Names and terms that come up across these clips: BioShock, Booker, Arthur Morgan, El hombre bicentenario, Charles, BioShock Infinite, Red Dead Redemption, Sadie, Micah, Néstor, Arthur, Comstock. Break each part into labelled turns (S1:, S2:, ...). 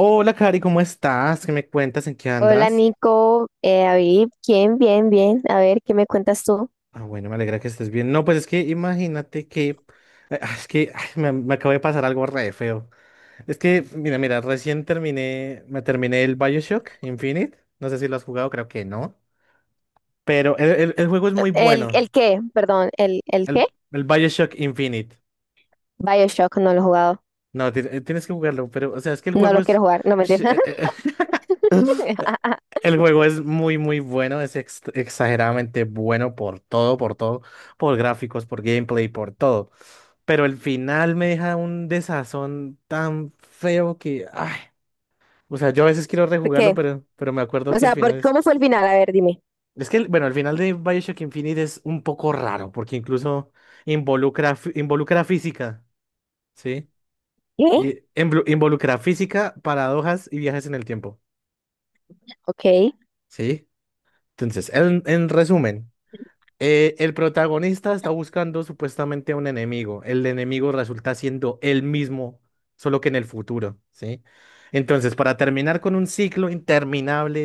S1: Hola, Cari, ¿cómo estás? ¿Qué me cuentas? ¿En qué
S2: Hola
S1: andas?
S2: Nico, David, ¿quién? Bien, bien. A ver, ¿qué me cuentas tú?
S1: Ah, bueno, me alegra que estés bien. No, pues es que imagínate que es que, ay, me acabo de pasar algo re feo. Es que, mira, mira, recién terminé, me terminé el BioShock Infinite. No sé si lo has jugado, creo que no. Pero el juego es muy
S2: ¿El,
S1: bueno.
S2: el qué? Perdón, ¿el qué?
S1: El BioShock Infinite.
S2: BioShock, no lo he jugado.
S1: No, tienes que jugarlo, pero, o sea, es que el
S2: No
S1: juego
S2: lo
S1: es...
S2: quiero jugar, no me entiendes.
S1: El juego es muy, muy bueno, es exageradamente bueno por todo, por todo, por gráficos, por gameplay, por todo. Pero el final me deja un desazón tan feo que, ay, o sea, yo a veces quiero
S2: ¿Por
S1: rejugarlo,
S2: qué?
S1: pero me acuerdo
S2: O
S1: que el
S2: sea, ¿por,
S1: final es...
S2: cómo fue el final? A ver, dime.
S1: Es que, bueno, el final de BioShock Infinite es un poco raro, porque incluso involucra, involucra física, ¿sí?
S2: ¿Qué?
S1: Y involucra física, paradojas y viajes en el tiempo,
S2: Ok,
S1: ¿sí? Entonces, en resumen. El protagonista está buscando supuestamente a un enemigo. El enemigo resulta siendo él mismo, solo que en el futuro, ¿sí? Entonces, para terminar con un ciclo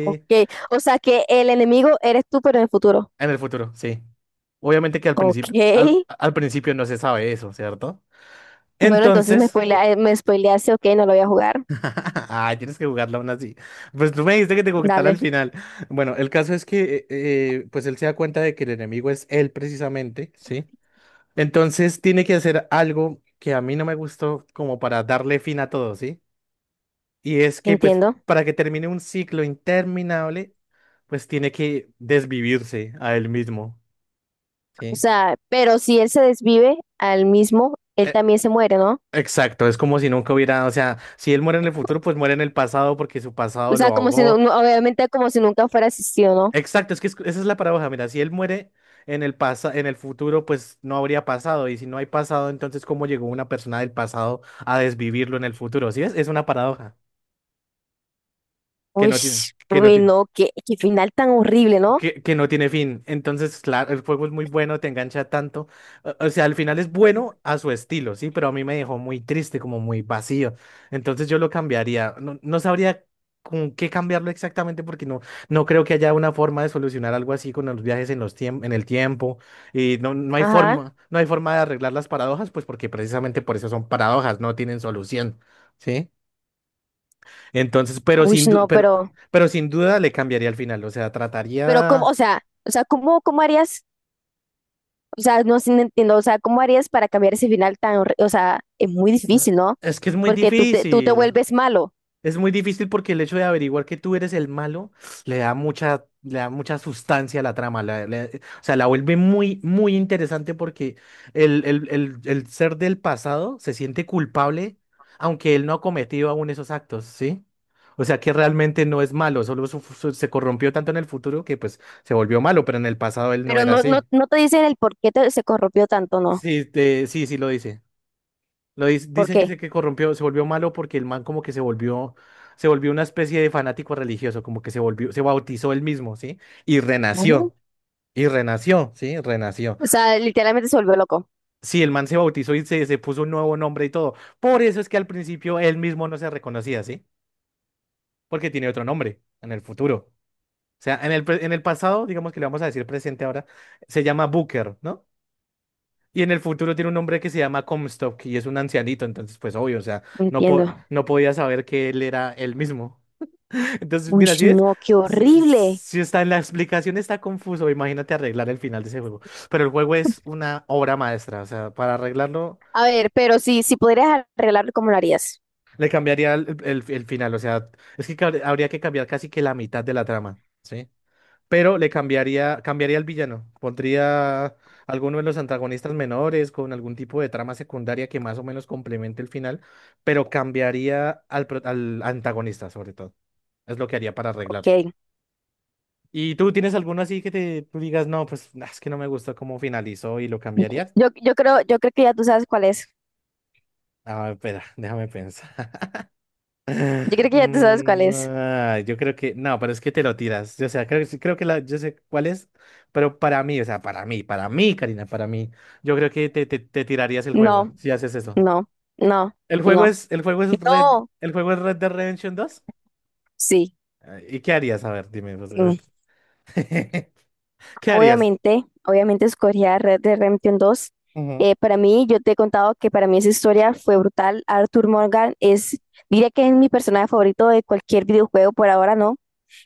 S2: ok. O sea, que el enemigo eres tú, pero en el futuro.
S1: en el futuro, sí. Obviamente que al
S2: Ok.
S1: principio, al principio no se sabe eso, ¿cierto?
S2: Bueno, entonces me
S1: Entonces,
S2: spoilea- eh, me spoileaste, ok, no lo voy a jugar.
S1: ay, tienes que jugarla aún así. Pues tú me dijiste que te contar al
S2: Dale,
S1: final. Bueno, el caso es que, pues él se da cuenta de que el enemigo es él precisamente, ¿sí? Entonces tiene que hacer algo que a mí no me gustó como para darle fin a todo, ¿sí? Y es que pues
S2: entiendo.
S1: para que termine un ciclo interminable, pues tiene que desvivirse a él mismo,
S2: O
S1: ¿sí?
S2: sea, pero si él se desvive al mismo, él
S1: E-
S2: también se muere, ¿no?
S1: Exacto, es como si nunca hubiera, o sea, si él muere en el futuro, pues muere en el pasado porque su pasado
S2: O
S1: lo
S2: sea, como si
S1: ahogó.
S2: obviamente como si nunca fuera asistido, ¿no?
S1: Exacto, es que esa es la paradoja, mira, si él muere en el futuro, pues no habría pasado, y si no hay pasado, entonces ¿cómo llegó una persona del pasado a desvivirlo en el futuro? ¿Sí ves? Es una paradoja. que
S2: Uy,
S1: no tiene, que no
S2: uy,
S1: tiene,
S2: no, qué, qué final tan horrible, ¿no?
S1: que no tiene fin. Entonces, claro, el juego es muy bueno, te engancha tanto. O sea, al final es bueno a su estilo, sí, pero a mí me dejó muy triste, como muy vacío. Entonces yo lo cambiaría. No sabría con qué cambiarlo exactamente porque no creo que haya una forma de solucionar algo así con los viajes en en el tiempo. Y no hay
S2: Ajá.
S1: forma, no hay forma de arreglar las paradojas, pues porque precisamente por eso son paradojas, no tienen solución. ¿Sí? Entonces,
S2: Uy, no,
S1: pero sin duda le cambiaría al final. O sea,
S2: pero cómo,
S1: trataría.
S2: o sea, ¿cómo, cómo harías? O sea, no, sí, no entiendo, o sea, ¿cómo harías para cambiar ese final tan horrible? O sea, es muy difícil, ¿no?
S1: Es que es muy
S2: Porque tú te
S1: difícil.
S2: vuelves malo,
S1: Es muy difícil porque el hecho de averiguar que tú eres el malo le da mucha sustancia a la trama. O sea, la vuelve muy, muy interesante porque el ser del pasado se siente culpable, aunque él no ha cometido aún esos actos, ¿sí? O sea, que realmente no es malo, solo se corrompió tanto en el futuro que pues se volvió malo, pero en el pasado él no
S2: pero
S1: era
S2: no, no,
S1: así.
S2: no te dicen el por qué se corrompió tanto, ¿no?
S1: Sí, sí, sí lo dice.
S2: ¿Por
S1: Dicen que
S2: qué?
S1: se que corrompió, se volvió malo porque el man como que se volvió una especie de fanático religioso, como que se volvió, se bautizó él mismo, ¿sí? Y
S2: Ujú.
S1: renació, y renació, ¿sí? Renació.
S2: O sea, literalmente se volvió loco.
S1: Sí, el man se bautizó y se puso un nuevo nombre y todo. Por eso es que al principio él mismo no se reconocía, ¿sí? Porque tiene otro nombre en el futuro. O sea, en en el pasado, digamos que le vamos a decir presente ahora, se llama Booker, ¿no? Y en el futuro tiene un hombre que se llama Comstock y es un ancianito, entonces pues obvio, o sea,
S2: No
S1: no,
S2: entiendo.
S1: no podía saber que él era él mismo. Entonces,
S2: Uy,
S1: mira,
S2: no, qué horrible.
S1: si está en la explicación está confuso, imagínate arreglar el final de ese juego. Pero el juego es una obra maestra, o sea, para arreglarlo
S2: A ver, pero si, si podrías arreglarlo, ¿cómo lo harías?
S1: le cambiaría el final, o sea, es que habría que cambiar casi que la mitad de la trama, ¿sí? Pero cambiaría al villano. Pondría alguno de los antagonistas menores con algún tipo de trama secundaria que más o menos complemente el final, pero cambiaría al antagonista sobre todo. Es lo que haría para arreglarlo.
S2: Ok.
S1: ¿Y tú tienes alguno así que te tú digas, no, pues nah, es que no me gustó cómo finalizó y lo cambiarías?
S2: Yo creo que ya tú sabes cuál es.
S1: Ah, espera, déjame pensar.
S2: Yo creo que ya tú sabes cuál es.
S1: Yo creo que no, pero es que te lo tiras. Yo, o sea, creo que yo sé cuál es, pero para mí, o sea, para mí, Karina, para mí, yo creo que te tirarías el juego
S2: No,
S1: si haces eso.
S2: no, no,
S1: El juego
S2: no,
S1: es, el juego es Red,
S2: no.
S1: el juego es Red Dead Redemption dos.
S2: Sí.
S1: Ah, ¿y qué harías? A ver, dime, pues.
S2: Mm.
S1: ¿Qué harías?
S2: Obviamente, obviamente escogía Red Dead Redemption 2.
S1: Ujú.
S2: Para mí, yo te he contado que para mí esa historia fue brutal. Arthur Morgan es, diría que es mi personaje favorito de cualquier videojuego, por ahora no.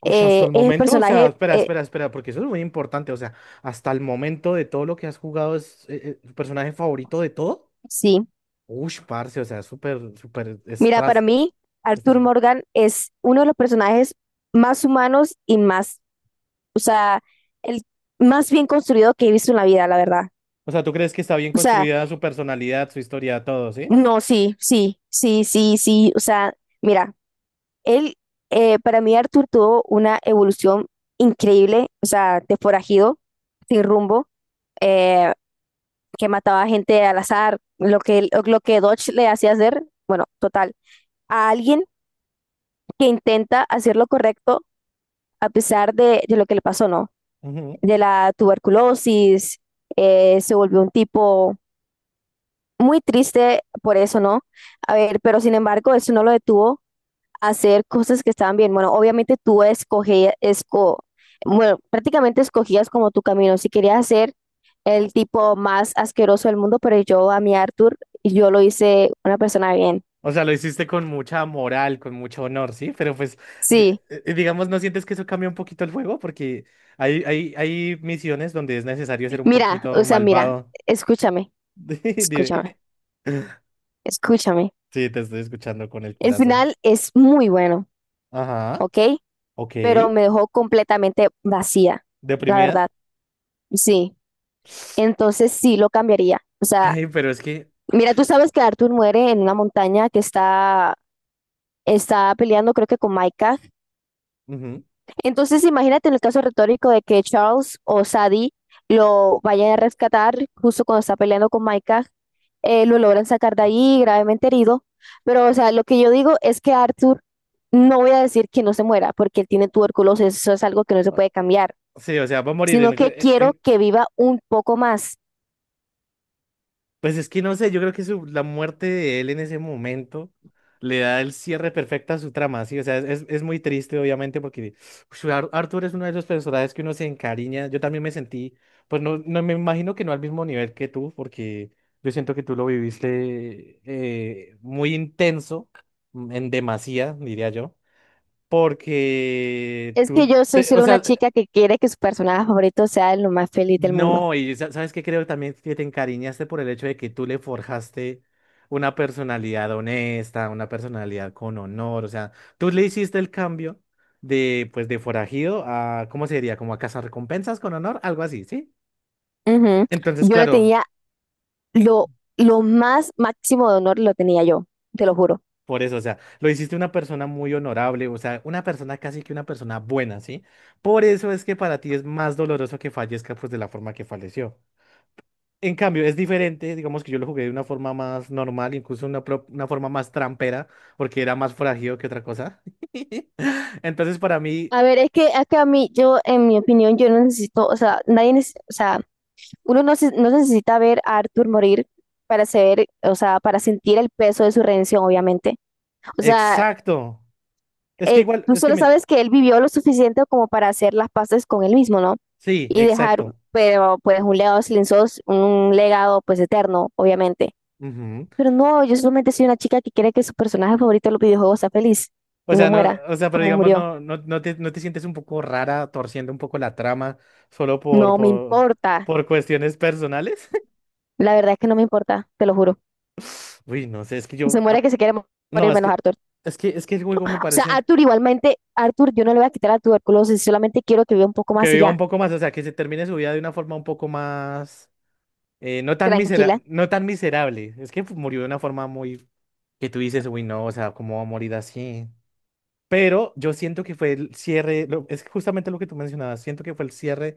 S1: Uy, hasta
S2: Eh,
S1: el
S2: es el
S1: momento, o sea,
S2: personaje,
S1: espera,
S2: eh,
S1: espera, espera, porque eso es muy importante. O sea, hasta el momento de todo lo que has jugado es tu personaje favorito de todo.
S2: sí.
S1: Ush parce, o sea, súper, súper
S2: Mira, para mí, Arthur
S1: estra-
S2: Morgan es uno de los personajes más humanos y más, o sea, el más bien construido que he visto en la vida, la verdad.
S1: O sea, ¿tú crees que está bien
S2: O sea,
S1: construida su personalidad, su historia, todo, sí?
S2: no, sí, sí, sí, sí, sí. O sea, mira, él, para mí Arthur tuvo una evolución increíble, o sea, de forajido, sin rumbo, eh, que mataba gente al azar, lo que Dodge le hacía hacer, bueno, total, a alguien que intenta hacer lo correcto a pesar de lo que le pasó, ¿no?
S1: Ujú.
S2: De la tuberculosis, se volvió un tipo muy triste por eso, ¿no? A ver, pero sin embargo, eso no lo detuvo a hacer cosas que estaban bien. Bueno, obviamente tú escogías, esco, bueno, prácticamente escogías como tu camino. Si querías ser el tipo más asqueroso del mundo, pero yo a mi Arthur, yo lo hice una persona bien.
S1: O sea, lo hiciste con mucha moral, con mucho honor, ¿sí? Pero pues,
S2: Sí,
S1: digamos, ¿no sientes que eso cambia un poquito el juego? Porque hay misiones donde es necesario ser un
S2: mira,
S1: poquito
S2: o sea, mira,
S1: malvado.
S2: escúchame,
S1: Dime.
S2: escúchame, escúchame.
S1: Sí, te estoy escuchando con el
S2: El
S1: corazón.
S2: final es muy bueno,
S1: Ajá.
S2: ¿ok?
S1: Ok.
S2: Pero me dejó completamente vacía, la
S1: ¿Deprimida?
S2: verdad. Sí. Entonces sí lo cambiaría. O sea,
S1: Ay, pero es que...
S2: mira, tú sabes que Arthur muere en una montaña que está, está peleando, creo que con Micah.
S1: Ujú.
S2: Entonces imagínate en el caso retórico de que Charles o Sadie lo vayan a rescatar justo cuando está peleando con Micah, lo logran sacar de ahí gravemente herido. Pero, o sea, lo que yo digo es que Arthur, no voy a decir que no se muera, porque él tiene tuberculosis, eso es algo que no se
S1: Ah,
S2: puede cambiar,
S1: sí, o sea, va a morir en,
S2: sino que
S1: eh,
S2: quiero
S1: en-
S2: que viva un poco más.
S1: Pues es que no sé, yo creo que la muerte de él en ese momento le da el cierre perfecto a su trama, sí, o sea, es muy triste obviamente porque ush, Arthur es uno de los personajes que uno se encariña, yo también me sentí, pues no, no me imagino que no al mismo nivel que tú, porque yo siento que tú lo viviste muy intenso, en demasía, diría yo, porque
S2: Es que yo soy
S1: o
S2: solo una
S1: sea,
S2: chica que quiere que su personaje favorito sea lo más feliz del mundo.
S1: no, y sabes que creo también que te encariñaste por el hecho de que tú le forjaste una personalidad honesta, una personalidad con honor, o sea, tú le hiciste el cambio de, pues, de forajido a, ¿cómo se diría? Como a recompensas con honor, algo así, ¿sí?
S2: Ujú.
S1: Entonces,
S2: Yo lo
S1: claro,
S2: tenía, lo, lo más máximo de honor lo tenía yo, te lo juro.
S1: por eso, o sea, lo hiciste una persona muy honorable, o sea, una persona casi que una persona buena, ¿sí? Por eso es que para ti es más doloroso que fallezca, pues, de la forma que falleció. En cambio, es diferente, digamos que yo lo jugué de una forma más normal, incluso una forma más trampera, porque era más forajido que otra cosa. Entonces, para mí,
S2: A ver, es que a mí, yo, en mi opinión, yo no necesito, o sea, nadie necesita, uno no necesita ver a Arthur morir para ser, o sea, para sentir el peso de su redención, obviamente. O sea,
S1: exacto. Es que igual,
S2: tú
S1: es que
S2: solo
S1: mira,
S2: sabes que él vivió lo suficiente como para hacer las paces con él mismo, ¿no?
S1: sí,
S2: Y dejar,
S1: exacto.
S2: pero pues un legado silencioso, un legado pues eterno, obviamente.
S1: Ujú.
S2: Pero no, yo solamente soy una chica que quiere que su personaje favorito de los videojuegos sea feliz
S1: O
S2: y no
S1: sea, no,
S2: muera
S1: o sea, pero
S2: como
S1: digamos,
S2: murió.
S1: no te sientes un poco rara torciendo un poco la trama solo por,
S2: No me importa.
S1: por cuestiones personales.
S2: La verdad es que no me importa, te lo juro.
S1: Uy, no sé, es que yo,
S2: Se muere que se quiere
S1: no,
S2: morir
S1: es
S2: menos
S1: que,
S2: Arthur.
S1: el juego me
S2: O sea,
S1: parece
S2: Arthur, igualmente, Arthur, yo no le voy a quitar la tuberculosis, solamente quiero que viva un poco
S1: que
S2: más y
S1: viva un
S2: ya,
S1: poco más, o sea, que se termine su vida de una forma un poco más. No tan
S2: tranquila.
S1: no tan miserable. Es que pues, murió de una forma muy que tú dices, uy, no, o sea, ¿cómo va a morir así? Pero yo siento que fue el cierre, es justamente lo que tú mencionabas, siento que fue el cierre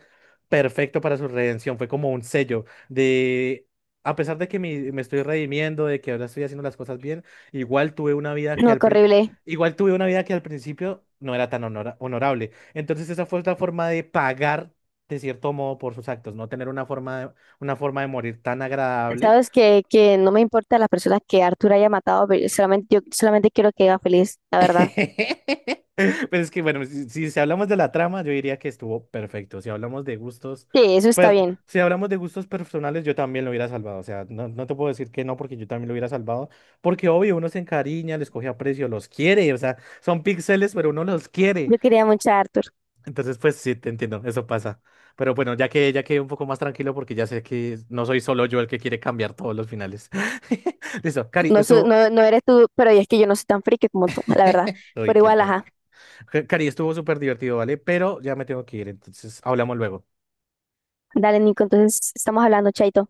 S1: perfecto para su redención, fue como un sello de, a pesar de que me estoy redimiendo, de que ahora estoy haciendo las cosas bien, igual tuve una vida que
S2: No,
S1: al,
S2: qué
S1: pri-
S2: horrible.
S1: igual tuve una vida que al principio no era tan honorable. Entonces esa fue otra forma de pagar, de cierto modo, por sus actos, no tener una forma de, morir tan agradable.
S2: Sabes que no me importa las personas que Arthur haya matado, pero solamente, yo solamente quiero que viva feliz, la verdad.
S1: Pero es que, bueno, si hablamos de la trama, yo diría que estuvo perfecto. Si hablamos de gustos,
S2: Sí, eso está
S1: pues,
S2: bien.
S1: si hablamos de gustos personales, yo también lo hubiera salvado. O sea, no te puedo decir que no, porque yo también lo hubiera salvado. Porque, obvio, uno se encariña, les coge aprecio, los quiere. O sea, son píxeles, pero uno los quiere.
S2: Yo quería mucho a Arthur.
S1: Entonces, pues, sí, te entiendo, eso pasa. Pero bueno, ya que ya quedé un poco más tranquilo, porque ya sé que no soy solo yo el que quiere cambiar todos los finales. Listo, Cari, estuvo.
S2: No, no eres tú, pero es que yo no soy tan friki como tú, la verdad.
S1: Uy,
S2: Pero
S1: qué
S2: igual,
S1: tal.
S2: ajá.
S1: Cari, estuvo súper divertido, ¿vale? Pero ya me tengo que ir, entonces hablamos luego.
S2: Dale, Nico, entonces estamos hablando, chaito.